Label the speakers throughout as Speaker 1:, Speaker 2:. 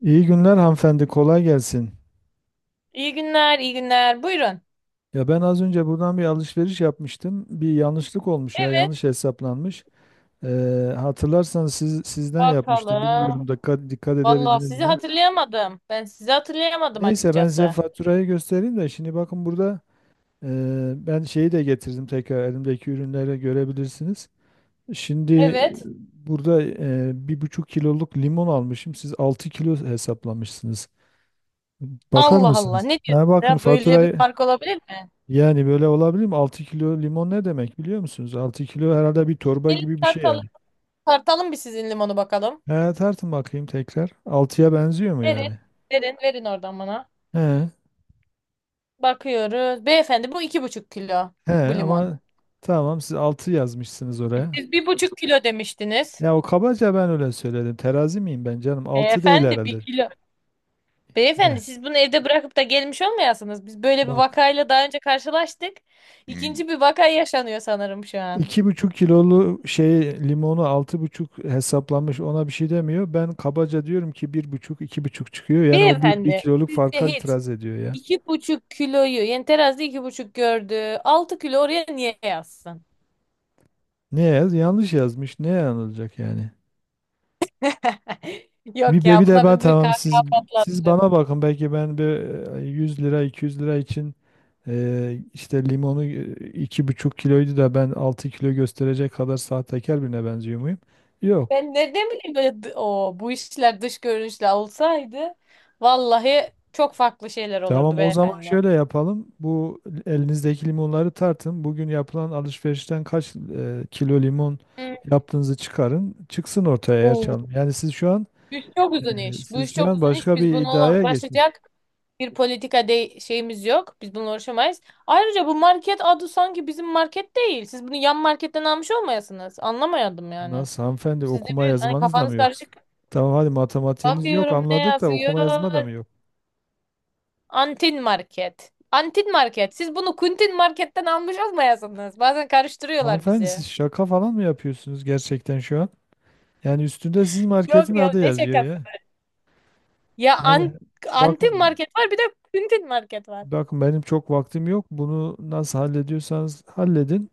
Speaker 1: İyi günler hanımefendi, kolay gelsin.
Speaker 2: İyi günler, iyi günler. Buyurun.
Speaker 1: Ya ben az önce buradan bir alışveriş yapmıştım. Bir yanlışlık olmuş ya,
Speaker 2: Evet,
Speaker 1: yanlış hesaplanmış. Hatırlarsanız sizden yapmıştım.
Speaker 2: bakalım.
Speaker 1: Bilmiyorum da dikkat
Speaker 2: Vallahi
Speaker 1: edebildiniz
Speaker 2: sizi
Speaker 1: mi?
Speaker 2: hatırlayamadım. Ben sizi hatırlayamadım
Speaker 1: Neyse ben size
Speaker 2: açıkçası.
Speaker 1: faturayı göstereyim de şimdi bakın, burada ben şeyi de getirdim, tekrar elimdeki ürünleri görebilirsiniz. Şimdi
Speaker 2: Evet.
Speaker 1: burada 1,5 kiloluk limon almışım. Siz 6 kilo hesaplamışsınız. Bakar
Speaker 2: Allah Allah.
Speaker 1: mısınız?
Speaker 2: Ne diyorsun
Speaker 1: Ha, bakın
Speaker 2: ya? Böyle bir
Speaker 1: faturayı.
Speaker 2: fark olabilir mi?
Speaker 1: Yani böyle olabilir mi? 6 kilo limon ne demek biliyor musunuz? 6 kilo herhalde bir torba
Speaker 2: Gelin
Speaker 1: gibi bir şey
Speaker 2: tartalım.
Speaker 1: yani.
Speaker 2: Tartalım bir sizin limonu bakalım.
Speaker 1: He, tartın bakayım tekrar. 6'ya benziyor mu
Speaker 2: Verin,
Speaker 1: yani?
Speaker 2: verin, verin oradan bana.
Speaker 1: He.
Speaker 2: Bakıyoruz. Beyefendi bu 2,5 kilo
Speaker 1: He,
Speaker 2: bu limon.
Speaker 1: ama tamam siz 6 yazmışsınız
Speaker 2: E,
Speaker 1: oraya.
Speaker 2: Siz 1,5 kilo demiştiniz.
Speaker 1: Ya o kabaca ben öyle söyledim. Terazi miyim ben canım? 6 değil
Speaker 2: Beyefendi bir
Speaker 1: herhalde.
Speaker 2: kilo.
Speaker 1: Heh,
Speaker 2: Beyefendi siz bunu evde bırakıp da gelmiş olmayasınız. Biz böyle bir
Speaker 1: bak.
Speaker 2: vakayla daha önce karşılaştık. İkinci bir vaka yaşanıyor sanırım şu an.
Speaker 1: 2,5 kilolu şey, limonu 6,5 hesaplanmış, ona bir şey demiyor. Ben kabaca diyorum ki bir buçuk, iki buçuk çıkıyor. Yani o bir
Speaker 2: Beyefendi
Speaker 1: kiloluk
Speaker 2: sizce
Speaker 1: farka
Speaker 2: hiç
Speaker 1: itiraz ediyor ya.
Speaker 2: 2,5 kiloyu yani terazide 2,5 gördü. 6 kilo oraya niye yazsın?
Speaker 1: Ne yaz? Yanlış yazmış. Ne yanılacak yani? Bir,
Speaker 2: Yok
Speaker 1: bir
Speaker 2: ya
Speaker 1: bir de
Speaker 2: buna
Speaker 1: ben,
Speaker 2: bir
Speaker 1: tamam siz
Speaker 2: kahkaha
Speaker 1: siz
Speaker 2: patlatırım.
Speaker 1: bana bakın, belki ben bir 100 lira 200 lira için işte limonu 2,5 kiloydu da ben 6 kilo gösterecek kadar sahtekar birine benziyor muyum? Yok.
Speaker 2: Ben nereden bileyim? Böyle o, bu işler dış görünüşle olsaydı vallahi çok farklı şeyler olurdu
Speaker 1: Tamam, o zaman
Speaker 2: beyefendi.
Speaker 1: şöyle yapalım. Bu elinizdeki limonları tartın. Bugün yapılan alışverişten kaç kilo limon yaptığınızı çıkarın. Çıksın ortaya, eğer
Speaker 2: Hmm.
Speaker 1: çalın.
Speaker 2: Bu iş çok uzun
Speaker 1: E,
Speaker 2: iş. Bu iş
Speaker 1: siz şu
Speaker 2: çok
Speaker 1: an
Speaker 2: uzun iş.
Speaker 1: başka
Speaker 2: Biz
Speaker 1: bir
Speaker 2: bununla
Speaker 1: iddiaya geçmiş.
Speaker 2: uğraşacak bir politika de şeyimiz yok. Biz bununla uğraşamayız. Ayrıca bu market adı sanki bizim market değil. Siz bunu yan marketten almış olmayasınız. Anlamayadım yani.
Speaker 1: Nasıl hanımefendi,
Speaker 2: Sizde
Speaker 1: okuma
Speaker 2: bir hani
Speaker 1: yazmanız da mı
Speaker 2: kafanız
Speaker 1: yok?
Speaker 2: karışık.
Speaker 1: Tamam hadi, matematiğiniz yok
Speaker 2: Bakıyorum ne
Speaker 1: anladık da
Speaker 2: yazıyor?
Speaker 1: okuma yazma da mı yok?
Speaker 2: Antin market. Antin market. Siz bunu kuntin marketten almış olmayasınız. Bazen karıştırıyorlar
Speaker 1: Hanımefendi,
Speaker 2: bizi.
Speaker 1: siz şaka falan mı yapıyorsunuz gerçekten şu an? Yani üstünde sizin marketin
Speaker 2: Yok ya
Speaker 1: adı
Speaker 2: ne
Speaker 1: yazıyor
Speaker 2: şakası.
Speaker 1: ya.
Speaker 2: Ya
Speaker 1: Yani
Speaker 2: antin
Speaker 1: bakın
Speaker 2: market var, bir de kuntin market var.
Speaker 1: bakın benim çok vaktim yok. Bunu nasıl hallediyorsanız halledin.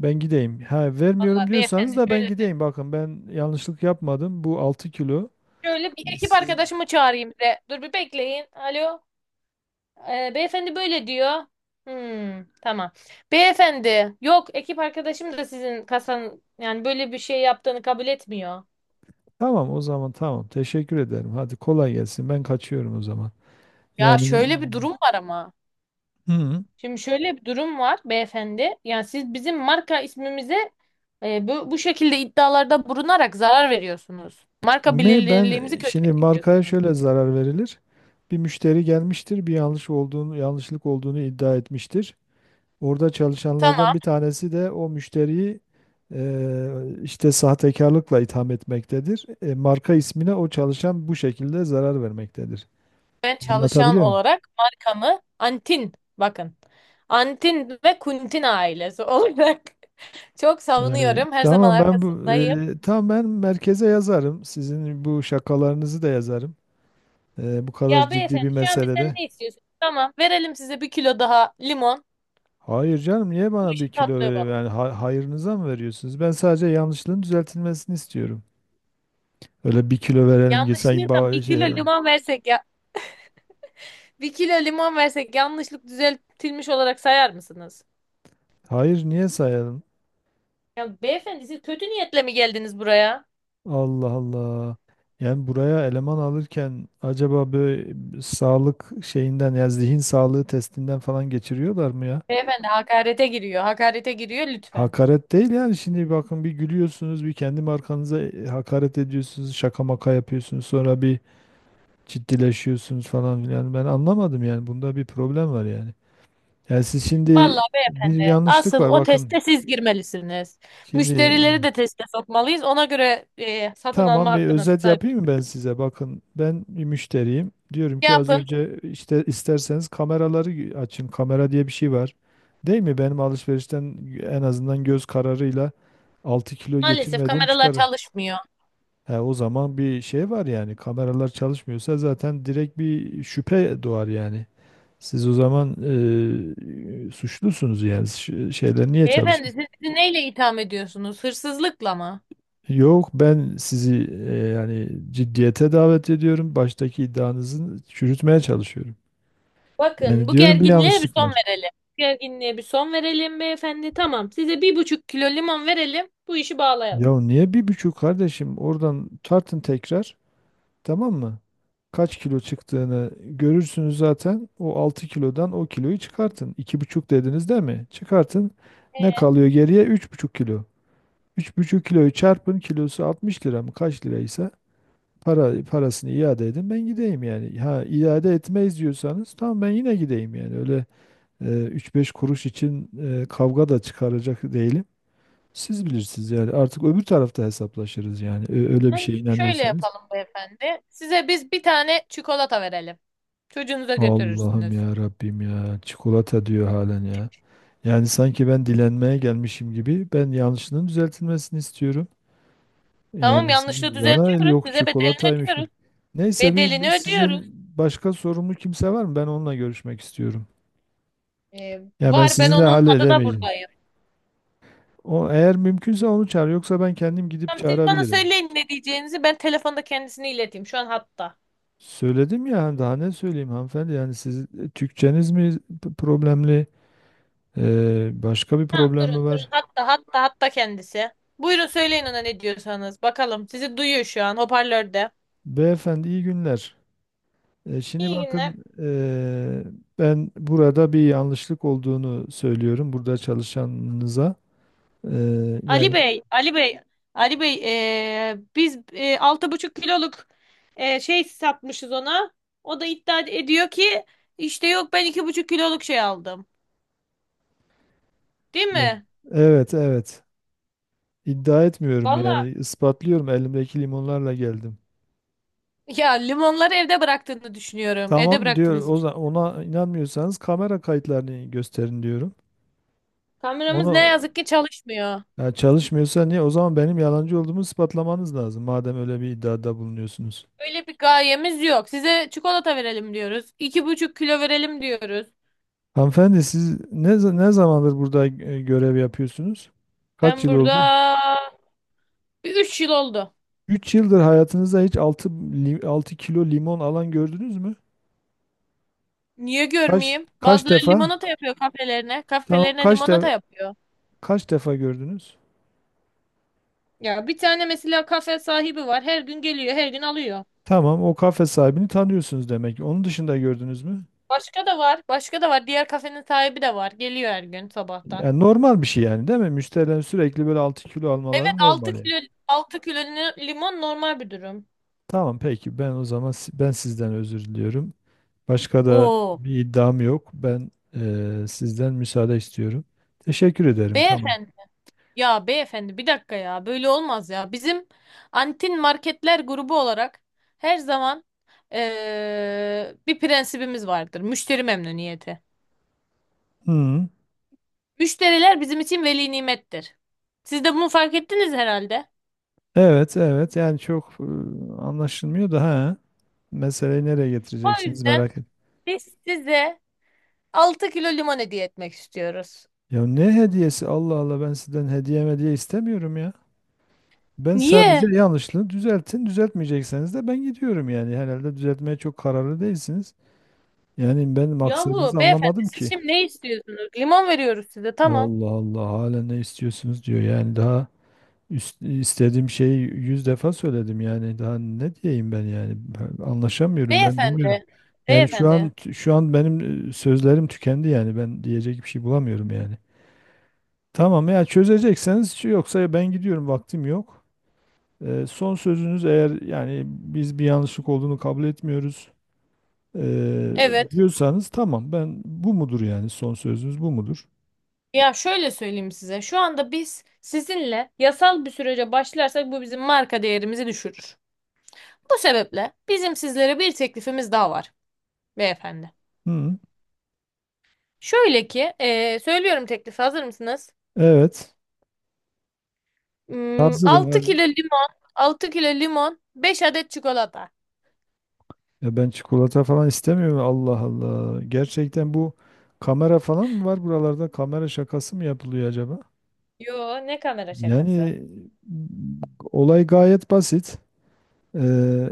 Speaker 1: Ben gideyim. Ha vermiyorum
Speaker 2: Vallahi
Speaker 1: diyorsanız
Speaker 2: beyefendi
Speaker 1: da ben
Speaker 2: şöyle söyleyeyim.
Speaker 1: gideyim. Bakın ben yanlışlık yapmadım. Bu 6 kilo.
Speaker 2: Şöyle bir ekip
Speaker 1: Siz.
Speaker 2: arkadaşımı çağırayım size. Dur bir bekleyin. Alo. Beyefendi böyle diyor. Hmm, tamam. Beyefendi, yok, ekip arkadaşım da sizin kasanın yani böyle bir şey yaptığını kabul etmiyor.
Speaker 1: Tamam, o zaman tamam. Teşekkür ederim. Hadi kolay gelsin. Ben kaçıyorum o zaman.
Speaker 2: Ya
Speaker 1: Yani.
Speaker 2: şöyle bir durum var ama.
Speaker 1: Hı.
Speaker 2: Şimdi şöyle bir durum var beyefendi. Yani siz bizim marka ismimize bu şekilde iddialarda bulunarak zarar veriyorsunuz. Marka
Speaker 1: Mi ben
Speaker 2: bilinirliğimizi kötüye
Speaker 1: şimdi markaya
Speaker 2: çekiyorsunuz.
Speaker 1: şöyle zarar verilir. Bir müşteri gelmiştir, bir yanlış olduğunu, yanlışlık olduğunu iddia etmiştir. Orada çalışanlardan
Speaker 2: Tamam.
Speaker 1: bir tanesi de o müşteriyi eee, işte sahtekarlıkla itham etmektedir. Marka ismine o çalışan bu şekilde zarar vermektedir.
Speaker 2: Ve çalışan
Speaker 1: Anlatabiliyor muyum?
Speaker 2: olarak markamı, Antin, bakın. Antin ve Kuntin ailesi olarak çok
Speaker 1: Yani,
Speaker 2: savunuyorum. Her zaman arkasındayım.
Speaker 1: tamam ben merkeze yazarım. Sizin bu şakalarınızı da yazarım. Bu kadar
Speaker 2: Ya
Speaker 1: ciddi
Speaker 2: beyefendi,
Speaker 1: bir
Speaker 2: şu an bizden
Speaker 1: meselede.
Speaker 2: ne istiyorsunuz? Tamam, verelim size 1 kilo daha limon.
Speaker 1: Hayır canım, niye bana
Speaker 2: Şu
Speaker 1: bir kilo
Speaker 2: tatlı
Speaker 1: veriyor
Speaker 2: balık.
Speaker 1: yani, hayırınıza mı veriyorsunuz? Ben sadece yanlışlığın düzeltilmesini istiyorum. Öyle bir kilo verelim ki sanki.
Speaker 2: Yanlışlıkla
Speaker 1: ba-
Speaker 2: bir kilo
Speaker 1: şey,
Speaker 2: limon versek ya. 1 kilo limon versek yanlışlık düzeltilmiş olarak sayar mısınız?
Speaker 1: hayır niye sayalım?
Speaker 2: Ya beyefendi, siz kötü niyetle mi geldiniz buraya?
Speaker 1: Allah Allah. Yani buraya eleman alırken acaba böyle sağlık şeyinden ya zihin sağlığı testinden falan geçiriyorlar mı ya?
Speaker 2: Beyefendi hakarete giriyor. Hakarete giriyor lütfen.
Speaker 1: Hakaret değil, yani şimdi bakın, bir gülüyorsunuz, bir kendi markanıza hakaret ediyorsunuz, şaka maka yapıyorsunuz, sonra bir ciddileşiyorsunuz falan filan, ben anlamadım yani, bunda bir problem var yani. Yani siz şimdi,
Speaker 2: Vallahi
Speaker 1: bir
Speaker 2: beyefendi,
Speaker 1: yanlışlık
Speaker 2: asıl
Speaker 1: var,
Speaker 2: o
Speaker 1: bakın.
Speaker 2: teste siz girmelisiniz.
Speaker 1: Şimdi
Speaker 2: Müşterileri de teste sokmalıyız. Ona göre satın alma
Speaker 1: tamam bir
Speaker 2: hakkına
Speaker 1: özet
Speaker 2: sahip.
Speaker 1: yapayım mı ben size? Bakın ben bir müşteriyim. Diyorum ki az
Speaker 2: Yapın.
Speaker 1: önce işte, isterseniz kameraları açın. Kamera diye bir şey var. Değil mi? Benim alışverişten en azından göz kararıyla 6 kilo
Speaker 2: Maalesef
Speaker 1: geçirmediğim
Speaker 2: kameralar
Speaker 1: çıkarır.
Speaker 2: çalışmıyor.
Speaker 1: He, o zaman bir şey var yani, kameralar çalışmıyorsa zaten direkt bir şüphe doğar yani. Siz o zaman suçlusunuz yani. Şeyler niye
Speaker 2: Beyefendi,
Speaker 1: çalışmıyor?
Speaker 2: siz bizi neyle itham ediyorsunuz? Hırsızlıkla mı?
Speaker 1: Yok, ben sizi yani ciddiyete davet ediyorum. Baştaki iddianızı çürütmeye çalışıyorum.
Speaker 2: Bakın,
Speaker 1: Yani
Speaker 2: bu
Speaker 1: diyorum bir
Speaker 2: gerginliğe bir
Speaker 1: yanlışlık
Speaker 2: son
Speaker 1: var.
Speaker 2: verelim. Bu gerginliğe bir son verelim beyefendi. Tamam, size 1,5 kilo limon verelim. Bu işi bağlayalım.
Speaker 1: Ya niye 1,5, kardeşim, oradan tartın tekrar, tamam mı? Kaç kilo çıktığını görürsünüz zaten. O 6 kilodan o kiloyu çıkartın. 2,5 dediniz değil mi? Çıkartın. Ne kalıyor geriye? 3,5 kilo. 3,5 kiloyu çarpın, kilosu 60 lira mı kaç liraysa. Parasını iade edin ben gideyim yani. Ha iade etmeyiz diyorsanız tamam ben yine gideyim yani. Öyle üç beş kuruş için kavga da çıkaracak değilim. Siz bilirsiniz yani, artık öbür tarafta hesaplaşırız yani. Öyle bir şeye
Speaker 2: Şöyle
Speaker 1: inanıyorsanız.
Speaker 2: yapalım beyefendi. Size biz bir tane çikolata verelim. Çocuğunuza
Speaker 1: Allah'ım,
Speaker 2: götürürsünüz.
Speaker 1: ya Rabbim, ya çikolata diyor halen ya. Yani sanki ben dilenmeye gelmişim gibi, ben yanlışının düzeltilmesini istiyorum.
Speaker 2: Tamam,
Speaker 1: Yani
Speaker 2: yanlışlığı
Speaker 1: sizin bana el
Speaker 2: düzeltiyoruz.
Speaker 1: yok
Speaker 2: Size bedelini
Speaker 1: çikolataymış mı?
Speaker 2: ödüyoruz.
Speaker 1: Neyse, bir
Speaker 2: Bedelini ödüyoruz.
Speaker 1: sizin başka sorumlu kimse var mı? Ben onunla görüşmek istiyorum.
Speaker 2: Ee,
Speaker 1: Ya ben
Speaker 2: Var, ben
Speaker 1: sizinle
Speaker 2: onun adına
Speaker 1: halledemeyeceğim.
Speaker 2: buradayım.
Speaker 1: O, eğer mümkünse onu çağır. Yoksa ben kendim gidip
Speaker 2: Tamam, siz bana
Speaker 1: çağırabilirim.
Speaker 2: söyleyin ne diyeceğinizi. Ben telefonda kendisini ileteyim. Şu an hatta.
Speaker 1: Söyledim ya, hani daha ne söyleyeyim hanımefendi, yani siz Türkçeniz mi problemli? Başka bir
Speaker 2: Tamam
Speaker 1: problem mi
Speaker 2: durun durun.
Speaker 1: var?
Speaker 2: Hatta kendisi. Buyurun söyleyin ona ne diyorsanız. Bakalım, sizi duyuyor şu an hoparlörde.
Speaker 1: Beyefendi iyi günler. Şimdi
Speaker 2: İyi günler.
Speaker 1: bakın, ben burada bir yanlışlık olduğunu söylüyorum burada çalışanınıza.
Speaker 2: Ali
Speaker 1: Yani
Speaker 2: Bey, Ali Bey, Ali Bey, biz 6,5 kiloluk şey satmışız ona. O da iddia ediyor ki işte yok, ben 2,5 kiloluk şey aldım. Değil
Speaker 1: e,
Speaker 2: mi?
Speaker 1: evet, evet, iddia etmiyorum
Speaker 2: Valla.
Speaker 1: yani, ispatlıyorum, elimdeki limonlarla geldim.
Speaker 2: Ya, limonları evde bıraktığını düşünüyorum. Evde
Speaker 1: Tamam diyor.
Speaker 2: bıraktığınızı
Speaker 1: O zaman
Speaker 2: düşünüyorum.
Speaker 1: ona inanmıyorsanız kamera kayıtlarını gösterin diyorum.
Speaker 2: Kameramız ne
Speaker 1: Onu
Speaker 2: yazık ki çalışmıyor.
Speaker 1: Ya çalışmıyorsa niye? O zaman benim yalancı olduğumu ispatlamanız lazım. Madem öyle bir iddiada bulunuyorsunuz.
Speaker 2: Öyle bir gayemiz yok. Size çikolata verelim diyoruz. 2,5 kilo verelim diyoruz.
Speaker 1: Hanımefendi, siz ne zamandır burada görev yapıyorsunuz? Kaç
Speaker 2: Ben
Speaker 1: yıl
Speaker 2: burada
Speaker 1: oldu?
Speaker 2: bir 3 yıl oldu.
Speaker 1: 3 yıldır hayatınızda hiç altı kilo limon alan gördünüz mü?
Speaker 2: Niye
Speaker 1: Kaç
Speaker 2: görmeyeyim?
Speaker 1: kaç
Speaker 2: Bazıları
Speaker 1: defa?
Speaker 2: limonata yapıyor kafelerine.
Speaker 1: Tamam,
Speaker 2: Kafelerine
Speaker 1: kaç
Speaker 2: limonata
Speaker 1: defa
Speaker 2: yapıyor.
Speaker 1: kaç defa gördünüz?
Speaker 2: Ya bir tane mesela kafe sahibi var. Her gün geliyor, her gün alıyor.
Speaker 1: Tamam, o kafe sahibini tanıyorsunuz demek. Onun dışında gördünüz mü?
Speaker 2: Başka da var. Başka da var. Diğer kafenin sahibi de var. Geliyor her gün sabahtan.
Speaker 1: Yani normal bir şey yani, değil mi? Müşterilerin sürekli böyle 6 kilo
Speaker 2: Evet,
Speaker 1: almaları
Speaker 2: 6
Speaker 1: normal yani.
Speaker 2: kilo limon normal bir durum.
Speaker 1: Tamam peki, ben o zaman ben sizden özür diliyorum. Başka da
Speaker 2: Oo.
Speaker 1: bir iddiam yok. Ben sizden müsaade istiyorum. Teşekkür ederim, tamam.
Speaker 2: Beyefendi. Ya beyefendi, bir dakika ya. Böyle olmaz ya. Bizim Antin Marketler grubu olarak her zaman bir prensibimiz vardır. Müşteri memnuniyeti.
Speaker 1: Hı.
Speaker 2: Müşteriler bizim için veli nimettir. Siz de bunu fark ettiniz herhalde.
Speaker 1: Evet, evet, yani çok anlaşılmıyor da, ha. Meseleyi nereye
Speaker 2: O
Speaker 1: getireceksiniz
Speaker 2: yüzden
Speaker 1: merak et.
Speaker 2: biz size 6 kilo limon hediye etmek istiyoruz.
Speaker 1: Ya ne hediyesi, Allah Allah, ben sizden hediye hediye istemiyorum ya. Ben sadece
Speaker 2: Niye?
Speaker 1: yanlışlığı düzeltin. Düzeltmeyecekseniz de ben gidiyorum yani. Herhalde düzeltmeye çok kararlı değilsiniz. Yani ben
Speaker 2: Yahu
Speaker 1: maksadınızı
Speaker 2: beyefendi,
Speaker 1: anlamadım
Speaker 2: siz
Speaker 1: ki.
Speaker 2: şimdi ne istiyorsunuz? Limon veriyoruz size, tamam.
Speaker 1: Allah Allah, hala ne istiyorsunuz diyor. Yani daha istediğim şeyi 100 defa söyledim yani. Daha ne diyeyim ben yani. Ben anlaşamıyorum, ben bilmiyorum.
Speaker 2: Beyefendi,
Speaker 1: Yani şu
Speaker 2: beyefendi.
Speaker 1: an şu an benim sözlerim tükendi yani. Ben diyecek bir şey bulamıyorum yani. Tamam, ya çözecekseniz, yoksa ben gidiyorum, vaktim yok. Son sözünüz, eğer yani biz bir yanlışlık olduğunu kabul etmiyoruz e,
Speaker 2: Evet.
Speaker 1: diyorsanız, tamam ben, bu mudur yani, son sözünüz bu mudur?
Speaker 2: Ya şöyle söyleyeyim size. Şu anda biz sizinle yasal bir sürece başlarsak bu bizim marka değerimizi düşürür. Bu sebeple bizim sizlere bir teklifimiz daha var beyefendi.
Speaker 1: Hı.
Speaker 2: Şöyle ki, söylüyorum teklifi, hazır mısınız?
Speaker 1: Evet, hazırım,
Speaker 2: 6
Speaker 1: hadi.
Speaker 2: kilo limon, 6 kilo limon, 5 adet çikolata.
Speaker 1: Ya ben çikolata falan istemiyorum. Allah Allah. Gerçekten bu, kamera falan mı var buralarda? Kamera şakası mı yapılıyor acaba?
Speaker 2: Yo, ne kamera şakası.
Speaker 1: Yani m, olay gayet basit. Ee,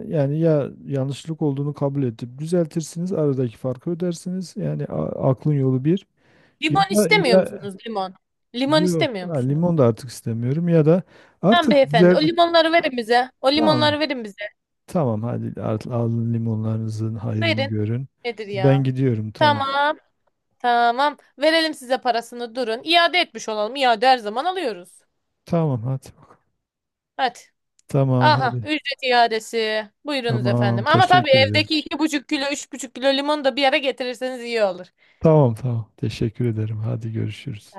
Speaker 1: Yani ya yanlışlık olduğunu kabul edip düzeltirsiniz, aradaki farkı ödersiniz. Yani aklın yolu bir. Ya
Speaker 2: Limon
Speaker 1: da
Speaker 2: istemiyor
Speaker 1: ya
Speaker 2: musunuz, limon? Limon
Speaker 1: yok,
Speaker 2: istemiyor
Speaker 1: ha,
Speaker 2: musunuz?
Speaker 1: limon da artık istemiyorum ya da
Speaker 2: Tamam
Speaker 1: artık
Speaker 2: beyefendi.
Speaker 1: güzel,
Speaker 2: O limonları verin bize. O limonları
Speaker 1: tamam.
Speaker 2: verin bize.
Speaker 1: Tamam hadi, alın limonlarınızın hayrını
Speaker 2: Verin.
Speaker 1: görün.
Speaker 2: Nedir
Speaker 1: Ben
Speaker 2: ya?
Speaker 1: gidiyorum, tamam.
Speaker 2: Tamam. Tamam. Verelim size parasını. Durun. İade etmiş olalım. İade her zaman alıyoruz.
Speaker 1: Tamam hadi.
Speaker 2: Hadi.
Speaker 1: Tamam
Speaker 2: Aha.
Speaker 1: hadi.
Speaker 2: Ücret iadesi. Buyurunuz
Speaker 1: Tamam,
Speaker 2: efendim. Ama tabii
Speaker 1: teşekkür ederim.
Speaker 2: evdeki 2,5 kilo, 3,5 kilo limonu da bir yere getirirseniz iyi olur.
Speaker 1: Tamam, tamam, teşekkür ederim. Hadi, görüşürüz.